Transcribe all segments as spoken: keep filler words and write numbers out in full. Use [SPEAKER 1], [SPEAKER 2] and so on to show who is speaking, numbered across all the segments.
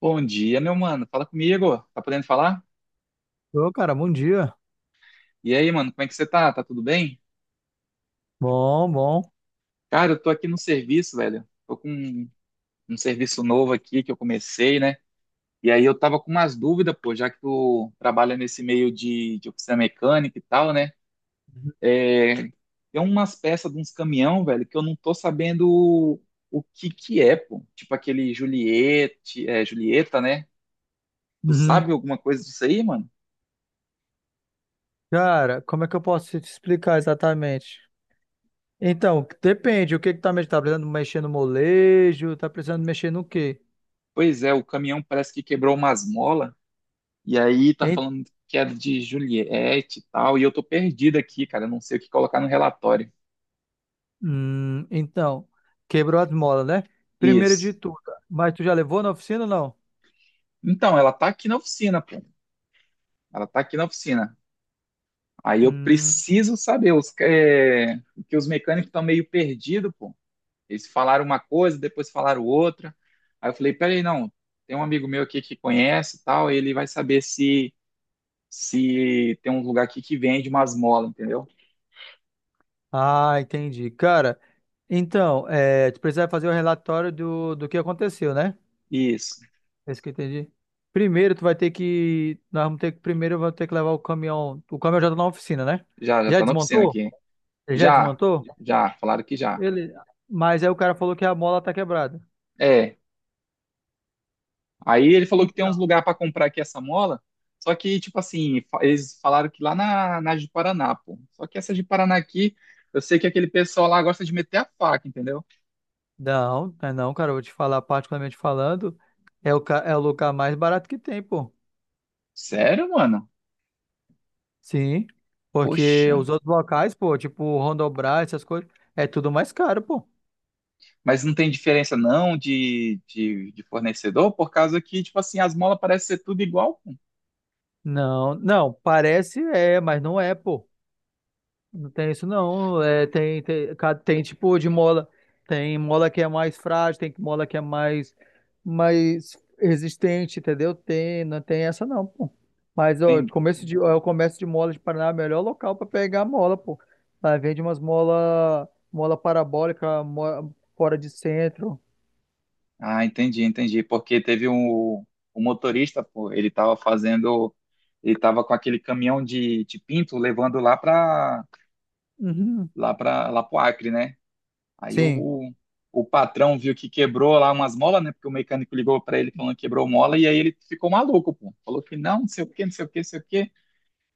[SPEAKER 1] Bom dia, meu mano. Fala comigo. Tá podendo falar?
[SPEAKER 2] Ô, cara, bom dia.
[SPEAKER 1] E aí, mano, como é que você tá? Tá tudo bem?
[SPEAKER 2] Bom, bom.
[SPEAKER 1] Cara, eu tô aqui no serviço, velho. Tô com um, um serviço novo aqui que eu comecei, né? E aí eu tava com umas dúvidas, pô, já que tu trabalha nesse meio de, de oficina mecânica e tal, né? É, tem umas peças de uns caminhão, velho, que eu não tô sabendo o, o que que é, pô. Tipo aquele Juliette, é, Julieta, né? Tu
[SPEAKER 2] Uhum.
[SPEAKER 1] sabe alguma coisa disso aí, mano?
[SPEAKER 2] Cara, como é que eu posso te explicar exatamente? Então, depende. O que que tá mexendo? Tá precisando mexer no molejo? Tá precisando mexer no quê?
[SPEAKER 1] Pois é, o caminhão parece que quebrou umas molas. E aí tá
[SPEAKER 2] Hein?
[SPEAKER 1] falando que é de Juliette e tal, e eu tô perdido aqui, cara, eu não sei o que colocar no relatório.
[SPEAKER 2] Hum, então, quebrou as molas, né? Primeiro de
[SPEAKER 1] Isso.
[SPEAKER 2] tudo. Mas tu já levou na oficina ou não?
[SPEAKER 1] Então, ela tá aqui na oficina, pô. Ela tá aqui na oficina. Aí eu
[SPEAKER 2] Hum.
[SPEAKER 1] preciso saber os que, é, que os mecânicos estão meio perdidos, pô. Eles falaram uma coisa, depois falaram outra. Aí eu falei, peraí, não, tem um amigo meu aqui que conhece e tal, ele vai saber se se tem um lugar aqui que vende umas molas, entendeu?
[SPEAKER 2] Ah, entendi. Cara, então, é, tu precisa fazer o relatório do, do que aconteceu, né?
[SPEAKER 1] Isso.
[SPEAKER 2] É isso que eu entendi. Primeiro, tu vai ter que. Nós vamos ter que. Primeiro, eu vou ter que levar o caminhão. O caminhão já tá na oficina, né?
[SPEAKER 1] Já, já
[SPEAKER 2] Já
[SPEAKER 1] tá na oficina
[SPEAKER 2] desmontou?
[SPEAKER 1] aqui.
[SPEAKER 2] Ele já
[SPEAKER 1] Já,
[SPEAKER 2] desmontou?
[SPEAKER 1] já, falaram que já.
[SPEAKER 2] Ele. Mas aí o cara falou que a mola tá quebrada.
[SPEAKER 1] É, aí ele falou que tem
[SPEAKER 2] Então.
[SPEAKER 1] uns lugares para comprar aqui essa mola, só que, tipo assim, fa- eles falaram que lá na, na de Paraná, pô. Só que essa de Paraná aqui, eu sei que aquele pessoal lá gosta de meter a faca, entendeu?
[SPEAKER 2] Não, não, é não, cara. Eu vou te falar, particularmente falando, é o, ca- é o lugar mais barato que tem, pô.
[SPEAKER 1] Sério, mano?
[SPEAKER 2] Sim. Porque
[SPEAKER 1] Poxa.
[SPEAKER 2] os outros locais, pô, tipo Rondobras, essas coisas, é tudo mais caro, pô.
[SPEAKER 1] Mas não tem diferença não de, de, de fornecedor, por causa que, tipo assim, as molas parecem ser tudo igual, pô.
[SPEAKER 2] Não, não. Parece é, mas não é, pô. Não tem isso não. É, tem, tem, ca- tem tipo de mola. Tem mola que é mais frágil, tem mola que é mais, mais resistente, entendeu? Tem, não tem essa não, pô. Mas ó,
[SPEAKER 1] Tem.
[SPEAKER 2] começo de, ó, o comércio de mola de Paraná é o melhor local para pegar mola, pô. Lá vende umas mola, mola parabólica, mo- fora de centro.
[SPEAKER 1] Ah, entendi, entendi. Porque teve um, um motorista, pô, ele tava fazendo, ele tava com aquele caminhão de, de pinto levando lá pra
[SPEAKER 2] Uhum.
[SPEAKER 1] lá para lá pro Acre, né? Aí
[SPEAKER 2] Sim.
[SPEAKER 1] o, o patrão viu que quebrou lá umas molas, né? Porque o mecânico ligou para ele falando que quebrou mola, e aí ele ficou maluco, pô. Falou que não, não sei o quê, não sei o quê, não sei o quê.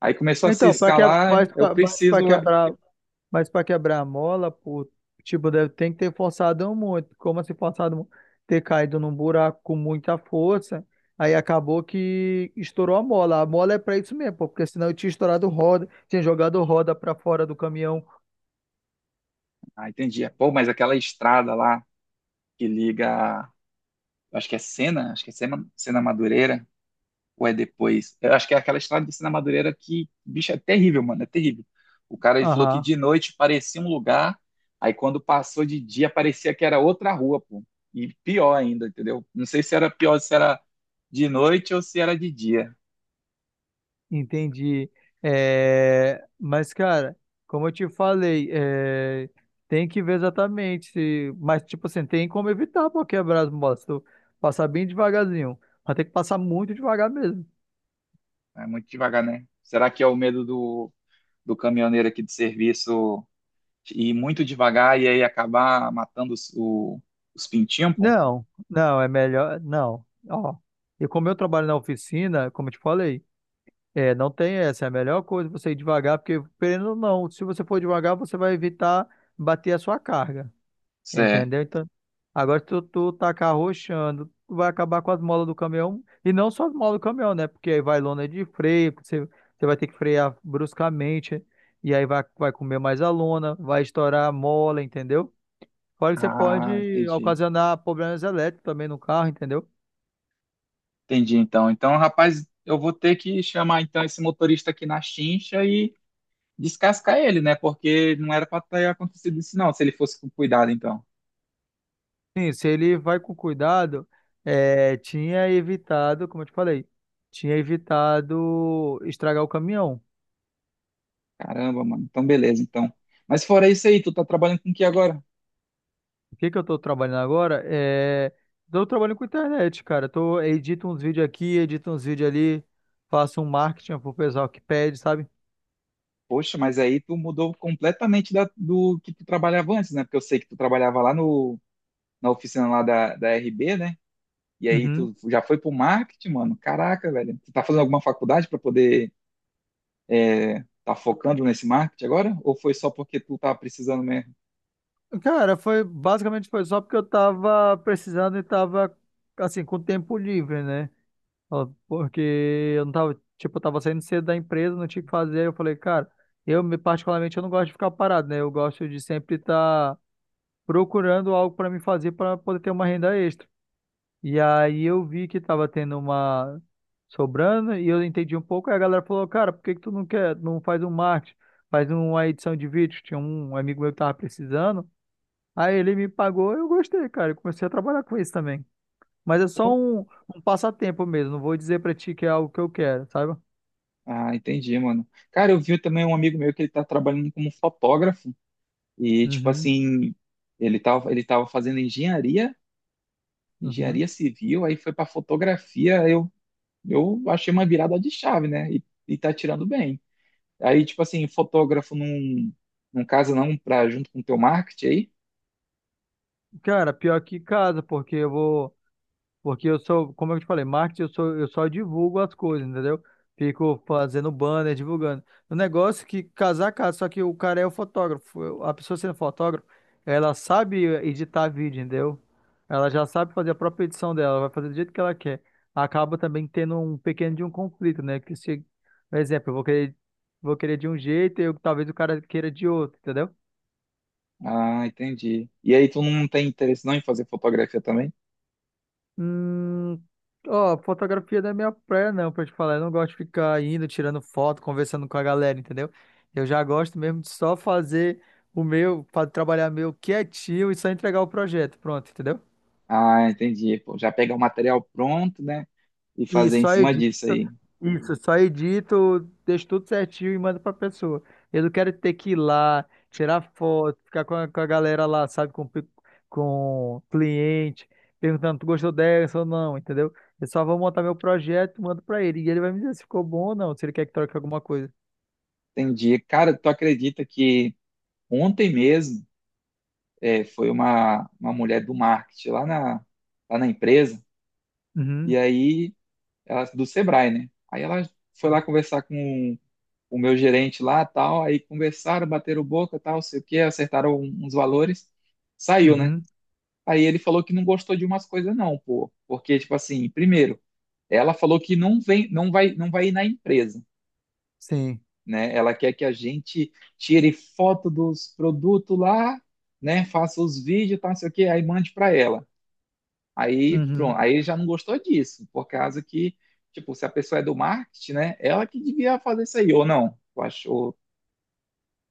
[SPEAKER 1] Aí começou a se
[SPEAKER 2] Então, para que,
[SPEAKER 1] escalar,
[SPEAKER 2] mas,
[SPEAKER 1] eu
[SPEAKER 2] pra- mas para
[SPEAKER 1] preciso. é,
[SPEAKER 2] quebrar. Mas para quebrar a mola, pô, tipo, deve, tem que ter forçado muito. Como assim forçado muito? Ter caído num buraco com muita força. Aí acabou que estourou a mola. A mola é para isso mesmo, pô, porque senão eu tinha estourado roda, tinha jogado roda para fora do caminhão.
[SPEAKER 1] Ah, entendi. Pô, mas aquela estrada lá que liga, acho que é Sena, acho que é Sena, Sena Madureira ou é depois? Eu acho que é aquela estrada de Sena Madureira que, bicho, é terrível, mano, é terrível. O cara ele falou que
[SPEAKER 2] Aham,
[SPEAKER 1] de noite parecia um lugar, aí quando passou de dia parecia que era outra rua, pô. E pior ainda, entendeu? Não sei se era pior, se era de noite ou se era de dia.
[SPEAKER 2] entendi. É, mas, cara, como eu te falei, é, tem que ver exatamente se. Mas, tipo assim, tem como evitar para quebrar as molas. Se tu passar bem devagarzinho. Vai ter que passar muito devagar mesmo.
[SPEAKER 1] É muito devagar, né? Será que é o medo do, do caminhoneiro aqui de serviço ir muito devagar e aí acabar matando os, o- os pintinhos, pô?
[SPEAKER 2] Não, não, é melhor. Não. Ó, e como eu trabalho na oficina, como eu te falei, é, não tem essa. É a melhor coisa você ir devagar, porque, querendo ou não, se você for devagar, você vai evitar bater a sua carga.
[SPEAKER 1] Isso é.
[SPEAKER 2] Entendeu? Então, agora se tu, tu tá carrochando, tu vai acabar com as molas do caminhão. E não só as molas do caminhão, né? Porque aí vai lona de freio, você, você vai ter que frear bruscamente, e aí vai, vai comer mais a lona, vai estourar a mola, entendeu? Fora que você
[SPEAKER 1] Ah,
[SPEAKER 2] pode
[SPEAKER 1] entendi.
[SPEAKER 2] ocasionar problemas elétricos também no carro, entendeu?
[SPEAKER 1] Entendi, então. Então, rapaz, eu vou ter que chamar então esse motorista aqui na chincha e descascar ele, né? Porque não era para ter acontecido isso, não, se ele fosse com cuidado, então.
[SPEAKER 2] Sim, se ele vai com cuidado, é, tinha evitado, como eu te falei, tinha evitado estragar o caminhão.
[SPEAKER 1] Caramba, mano. Então, beleza, então. Mas fora isso aí, tu tá trabalhando com o que agora?
[SPEAKER 2] O que que eu tô trabalhando agora? É, tô trabalhando com internet, cara. Tô, edito uns vídeos aqui, edito uns vídeos ali, faço um marketing pro pessoal que pede, sabe?
[SPEAKER 1] Poxa, mas aí tu mudou completamente da- do que tu trabalhava antes, né? Porque eu sei que tu trabalhava lá no, na oficina lá da, da R B, né? E aí
[SPEAKER 2] Uhum.
[SPEAKER 1] tu já foi pro marketing, mano. Caraca, velho. Tu tá fazendo alguma faculdade para poder é, tá focando nesse marketing agora? Ou foi só porque tu tá precisando mesmo?
[SPEAKER 2] Cara, foi basicamente foi só porque eu tava precisando e tava assim com tempo livre, né? Ó, porque eu não tava, tipo, eu tava saindo cedo da empresa, não tinha o que fazer. Eu falei, cara, eu me- particularmente eu não gosto de ficar parado, né? Eu gosto de sempre estar procurando algo para me fazer para poder ter uma renda extra. E aí eu vi que tava tendo uma sobrando e eu entendi um pouco. Aí a galera falou, cara, por que que tu não quer, não faz um marketing, faz uma edição de vídeo? Tinha um amigo meu que tava precisando. Aí ele me pagou, eu gostei, cara. Eu comecei a trabalhar com isso também. Mas é só
[SPEAKER 1] Pô,
[SPEAKER 2] um, um passatempo mesmo. Não vou dizer pra ti que é algo que eu quero, sabe?
[SPEAKER 1] ah, entendi, mano. Cara, eu vi também um amigo meu que ele tá trabalhando como fotógrafo e, tipo
[SPEAKER 2] Uhum,
[SPEAKER 1] assim, ele tava, ele tava fazendo engenharia,
[SPEAKER 2] uhum.
[SPEAKER 1] engenharia civil, aí foi pra fotografia, eu, eu achei uma virada de chave, né? E, e tá tirando bem. Aí, tipo assim, fotógrafo num, num caso não pra junto com o teu marketing aí?
[SPEAKER 2] Cara, pior que casa, porque eu vou. Porque eu sou, como eu te falei, marketing, eu sou, eu só divulgo as coisas, entendeu? Fico fazendo banner, divulgando. O negócio é que casar casa, só que o cara é o fotógrafo. A pessoa sendo fotógrafo, ela sabe editar vídeo, entendeu? Ela já sabe fazer a própria edição dela, ela vai fazer do jeito que ela quer. Acaba também tendo um pequeno de um conflito, né? Que se, por exemplo, eu vou querer, vou querer de um jeito e eu- talvez o cara queira de outro, entendeu?
[SPEAKER 1] Ah, entendi. E aí tu não tem interesse não em fazer fotografia também?
[SPEAKER 2] Hum, ó, fotografia não é minha praia, não, pra te falar. Eu não gosto de ficar indo, tirando foto, conversando com a galera, entendeu? Eu já gosto mesmo de só fazer o meu, fa- trabalhar meu quietinho e só entregar o projeto. Pronto, entendeu?
[SPEAKER 1] Ah, entendi. Pô, já pegar o material pronto, né? E
[SPEAKER 2] E
[SPEAKER 1] fazer em
[SPEAKER 2] só
[SPEAKER 1] cima
[SPEAKER 2] edito,
[SPEAKER 1] disso aí.
[SPEAKER 2] isso, só edito, deixo tudo certinho e mando pra pessoa. Eu não quero ter que ir lá, tirar foto, ficar com a, com a galera lá, sabe, com, pe- com cliente, perguntando, tu gostou dessa ou não, entendeu? Eu só vou montar meu projeto, mando pra ele, e ele vai me dizer se ficou bom ou não, se ele quer que troque alguma coisa.
[SPEAKER 1] Entendi. Cara, tu acredita que ontem mesmo é, foi uma, uma mulher do marketing lá na, lá na empresa, e
[SPEAKER 2] Uhum,
[SPEAKER 1] aí, ela, do Sebrae, né? Aí ela foi lá conversar com o meu gerente lá, tal, aí conversaram, bateram boca, tal, sei o quê, acertaram um, uns valores, saiu, né?
[SPEAKER 2] uhum,
[SPEAKER 1] Aí ele falou que não gostou de umas coisas não, pô, porque, tipo assim, primeiro, ela falou que não vem, não vai, não vai ir na empresa.
[SPEAKER 2] sim.
[SPEAKER 1] Né? Ela quer que a gente tire foto dos produtos lá, né? Faça os vídeos, tá, não sei o quê, aí mande para ela. Aí, pronto,
[SPEAKER 2] Uhum.
[SPEAKER 1] aí já não gostou disso, por causa que, tipo, se a pessoa é do marketing, né? Ela que devia fazer isso aí, ou não? Eu acho,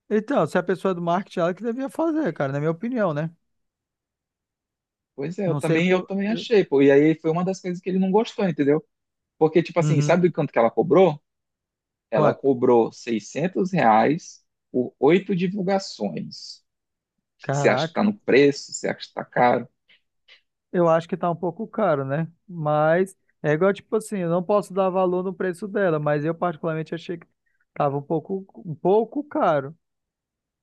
[SPEAKER 2] Então, se a pessoa é do marketing, ela que devia fazer, cara, na minha opinião, né?
[SPEAKER 1] pois é, eu
[SPEAKER 2] Não sei
[SPEAKER 1] também, eu
[SPEAKER 2] por.
[SPEAKER 1] também achei, pô. E aí foi uma das coisas que ele não gostou, entendeu? Porque, tipo assim,
[SPEAKER 2] Uhum.
[SPEAKER 1] sabe o quanto que ela cobrou? Ela
[SPEAKER 2] Quanto?
[SPEAKER 1] cobrou seiscentos reais por oito divulgações. Você acha que tá
[SPEAKER 2] Caraca.
[SPEAKER 1] no preço? Você acha que tá caro?
[SPEAKER 2] Eu acho que tá um pouco caro, né? Mas é igual, tipo assim, eu não posso dar valor no preço dela, mas eu particularmente achei que tava um pouco, um pouco caro.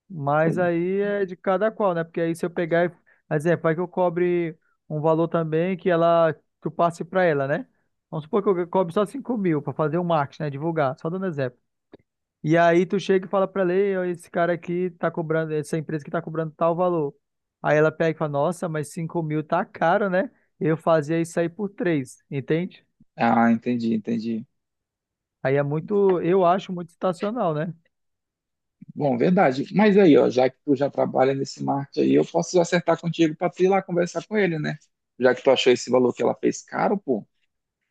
[SPEAKER 2] Mas aí é de cada qual, né? Porque aí se eu pegar, e- por exemplo, vai que eu cobre um valor também que ela, que eu passe pra ela, né? Vamos supor que eu cobre só cinco mil pra fazer o marketing, né? Divulgar, só dando exemplo. E aí tu chega e fala pra ela: "Ei, ó, esse cara aqui tá cobrando, essa empresa que tá cobrando tal valor." Aí ela pega e fala, nossa, mas cinco mil tá caro, né? Eu fazia isso aí por três, entende?
[SPEAKER 1] Ah, entendi, entendi.
[SPEAKER 2] Aí é muito, eu acho muito estacional, né?
[SPEAKER 1] Bom, verdade. Mas aí, ó, já que tu já trabalha nesse marketing aí, eu posso acertar contigo para tu ir lá conversar com ele, né? Já que tu achou esse valor que ela fez caro, pô,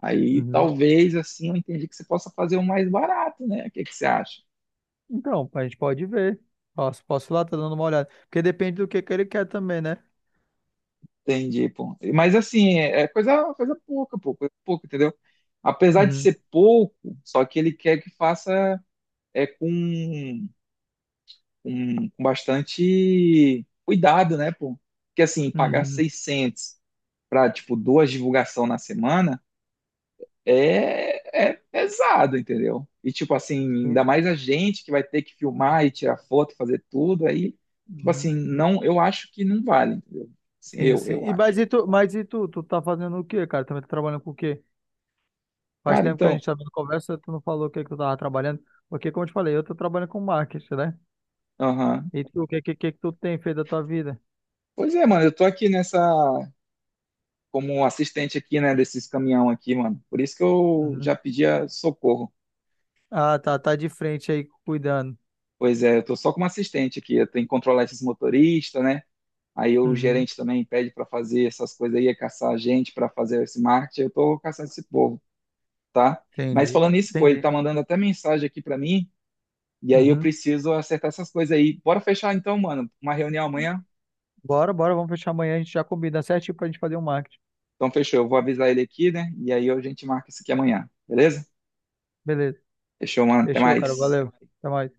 [SPEAKER 1] aí
[SPEAKER 2] Uhum.
[SPEAKER 1] talvez assim eu entendi que você possa fazer o mais barato, né? O que que você acha?
[SPEAKER 2] Então, a gente pode ver. Posso, posso ir lá, tá dando uma olhada. Porque depende do que que ele quer também, né?
[SPEAKER 1] Entendi, pô. Mas assim, é coisa, coisa pouca, pô, coisa pouca, entendeu? Apesar de
[SPEAKER 2] Uhum.
[SPEAKER 1] ser pouco, só que ele quer que faça é com, com, com bastante cuidado, né, pô? Porque assim, pagar
[SPEAKER 2] Uhum.
[SPEAKER 1] seiscentos para tipo duas divulgação na semana é, é pesado, entendeu? E tipo assim, ainda
[SPEAKER 2] Sim.
[SPEAKER 1] mais a gente que vai ter que filmar e tirar foto, fazer tudo aí, tipo assim,
[SPEAKER 2] Uhum.
[SPEAKER 1] não, eu acho que não vale, entendeu? Assim,
[SPEAKER 2] Sim,
[SPEAKER 1] eu,
[SPEAKER 2] sim.
[SPEAKER 1] eu
[SPEAKER 2] E, mas
[SPEAKER 1] acho.
[SPEAKER 2] e tu, mas e tu, tu tá fazendo o quê, cara? Também tá trabalhando com o quê? Faz
[SPEAKER 1] Cara,
[SPEAKER 2] tempo que a
[SPEAKER 1] então,
[SPEAKER 2] gente tá dando conversa, tu não falou o que que tu tava trabalhando, porque como eu te falei, eu tô trabalhando com marketing, né?
[SPEAKER 1] aham.
[SPEAKER 2] E tu, o que que, que que tu tem feito da tua vida?
[SPEAKER 1] Pois é, mano, eu tô aqui nessa como assistente aqui, né, desses caminhão aqui, mano. Por isso que eu
[SPEAKER 2] Uhum.
[SPEAKER 1] já pedia socorro.
[SPEAKER 2] Ah, tá, tá de frente aí, cuidando.
[SPEAKER 1] Pois é, eu tô só como assistente aqui, eu tenho que controlar esses motoristas, né? Aí o
[SPEAKER 2] Uhum.
[SPEAKER 1] gerente também pede para fazer essas coisas aí, é caçar a gente para fazer esse marketing. Eu estou caçando esse povo, tá? Mas
[SPEAKER 2] Entendi,
[SPEAKER 1] falando isso, pô, ele tá
[SPEAKER 2] entendi.
[SPEAKER 1] mandando até mensagem aqui para mim, e aí eu
[SPEAKER 2] Uhum.
[SPEAKER 1] preciso acertar essas coisas aí. Bora fechar então, mano, uma reunião amanhã.
[SPEAKER 2] Bora, bora, vamos fechar amanhã, a gente já combina certinho pra gente fazer um marketing.
[SPEAKER 1] Então fechou, eu vou avisar ele aqui, né? E aí a gente marca isso aqui amanhã, beleza?
[SPEAKER 2] Beleza,
[SPEAKER 1] Fechou, mano, até
[SPEAKER 2] fechou, cara,
[SPEAKER 1] mais.
[SPEAKER 2] valeu. Até mais.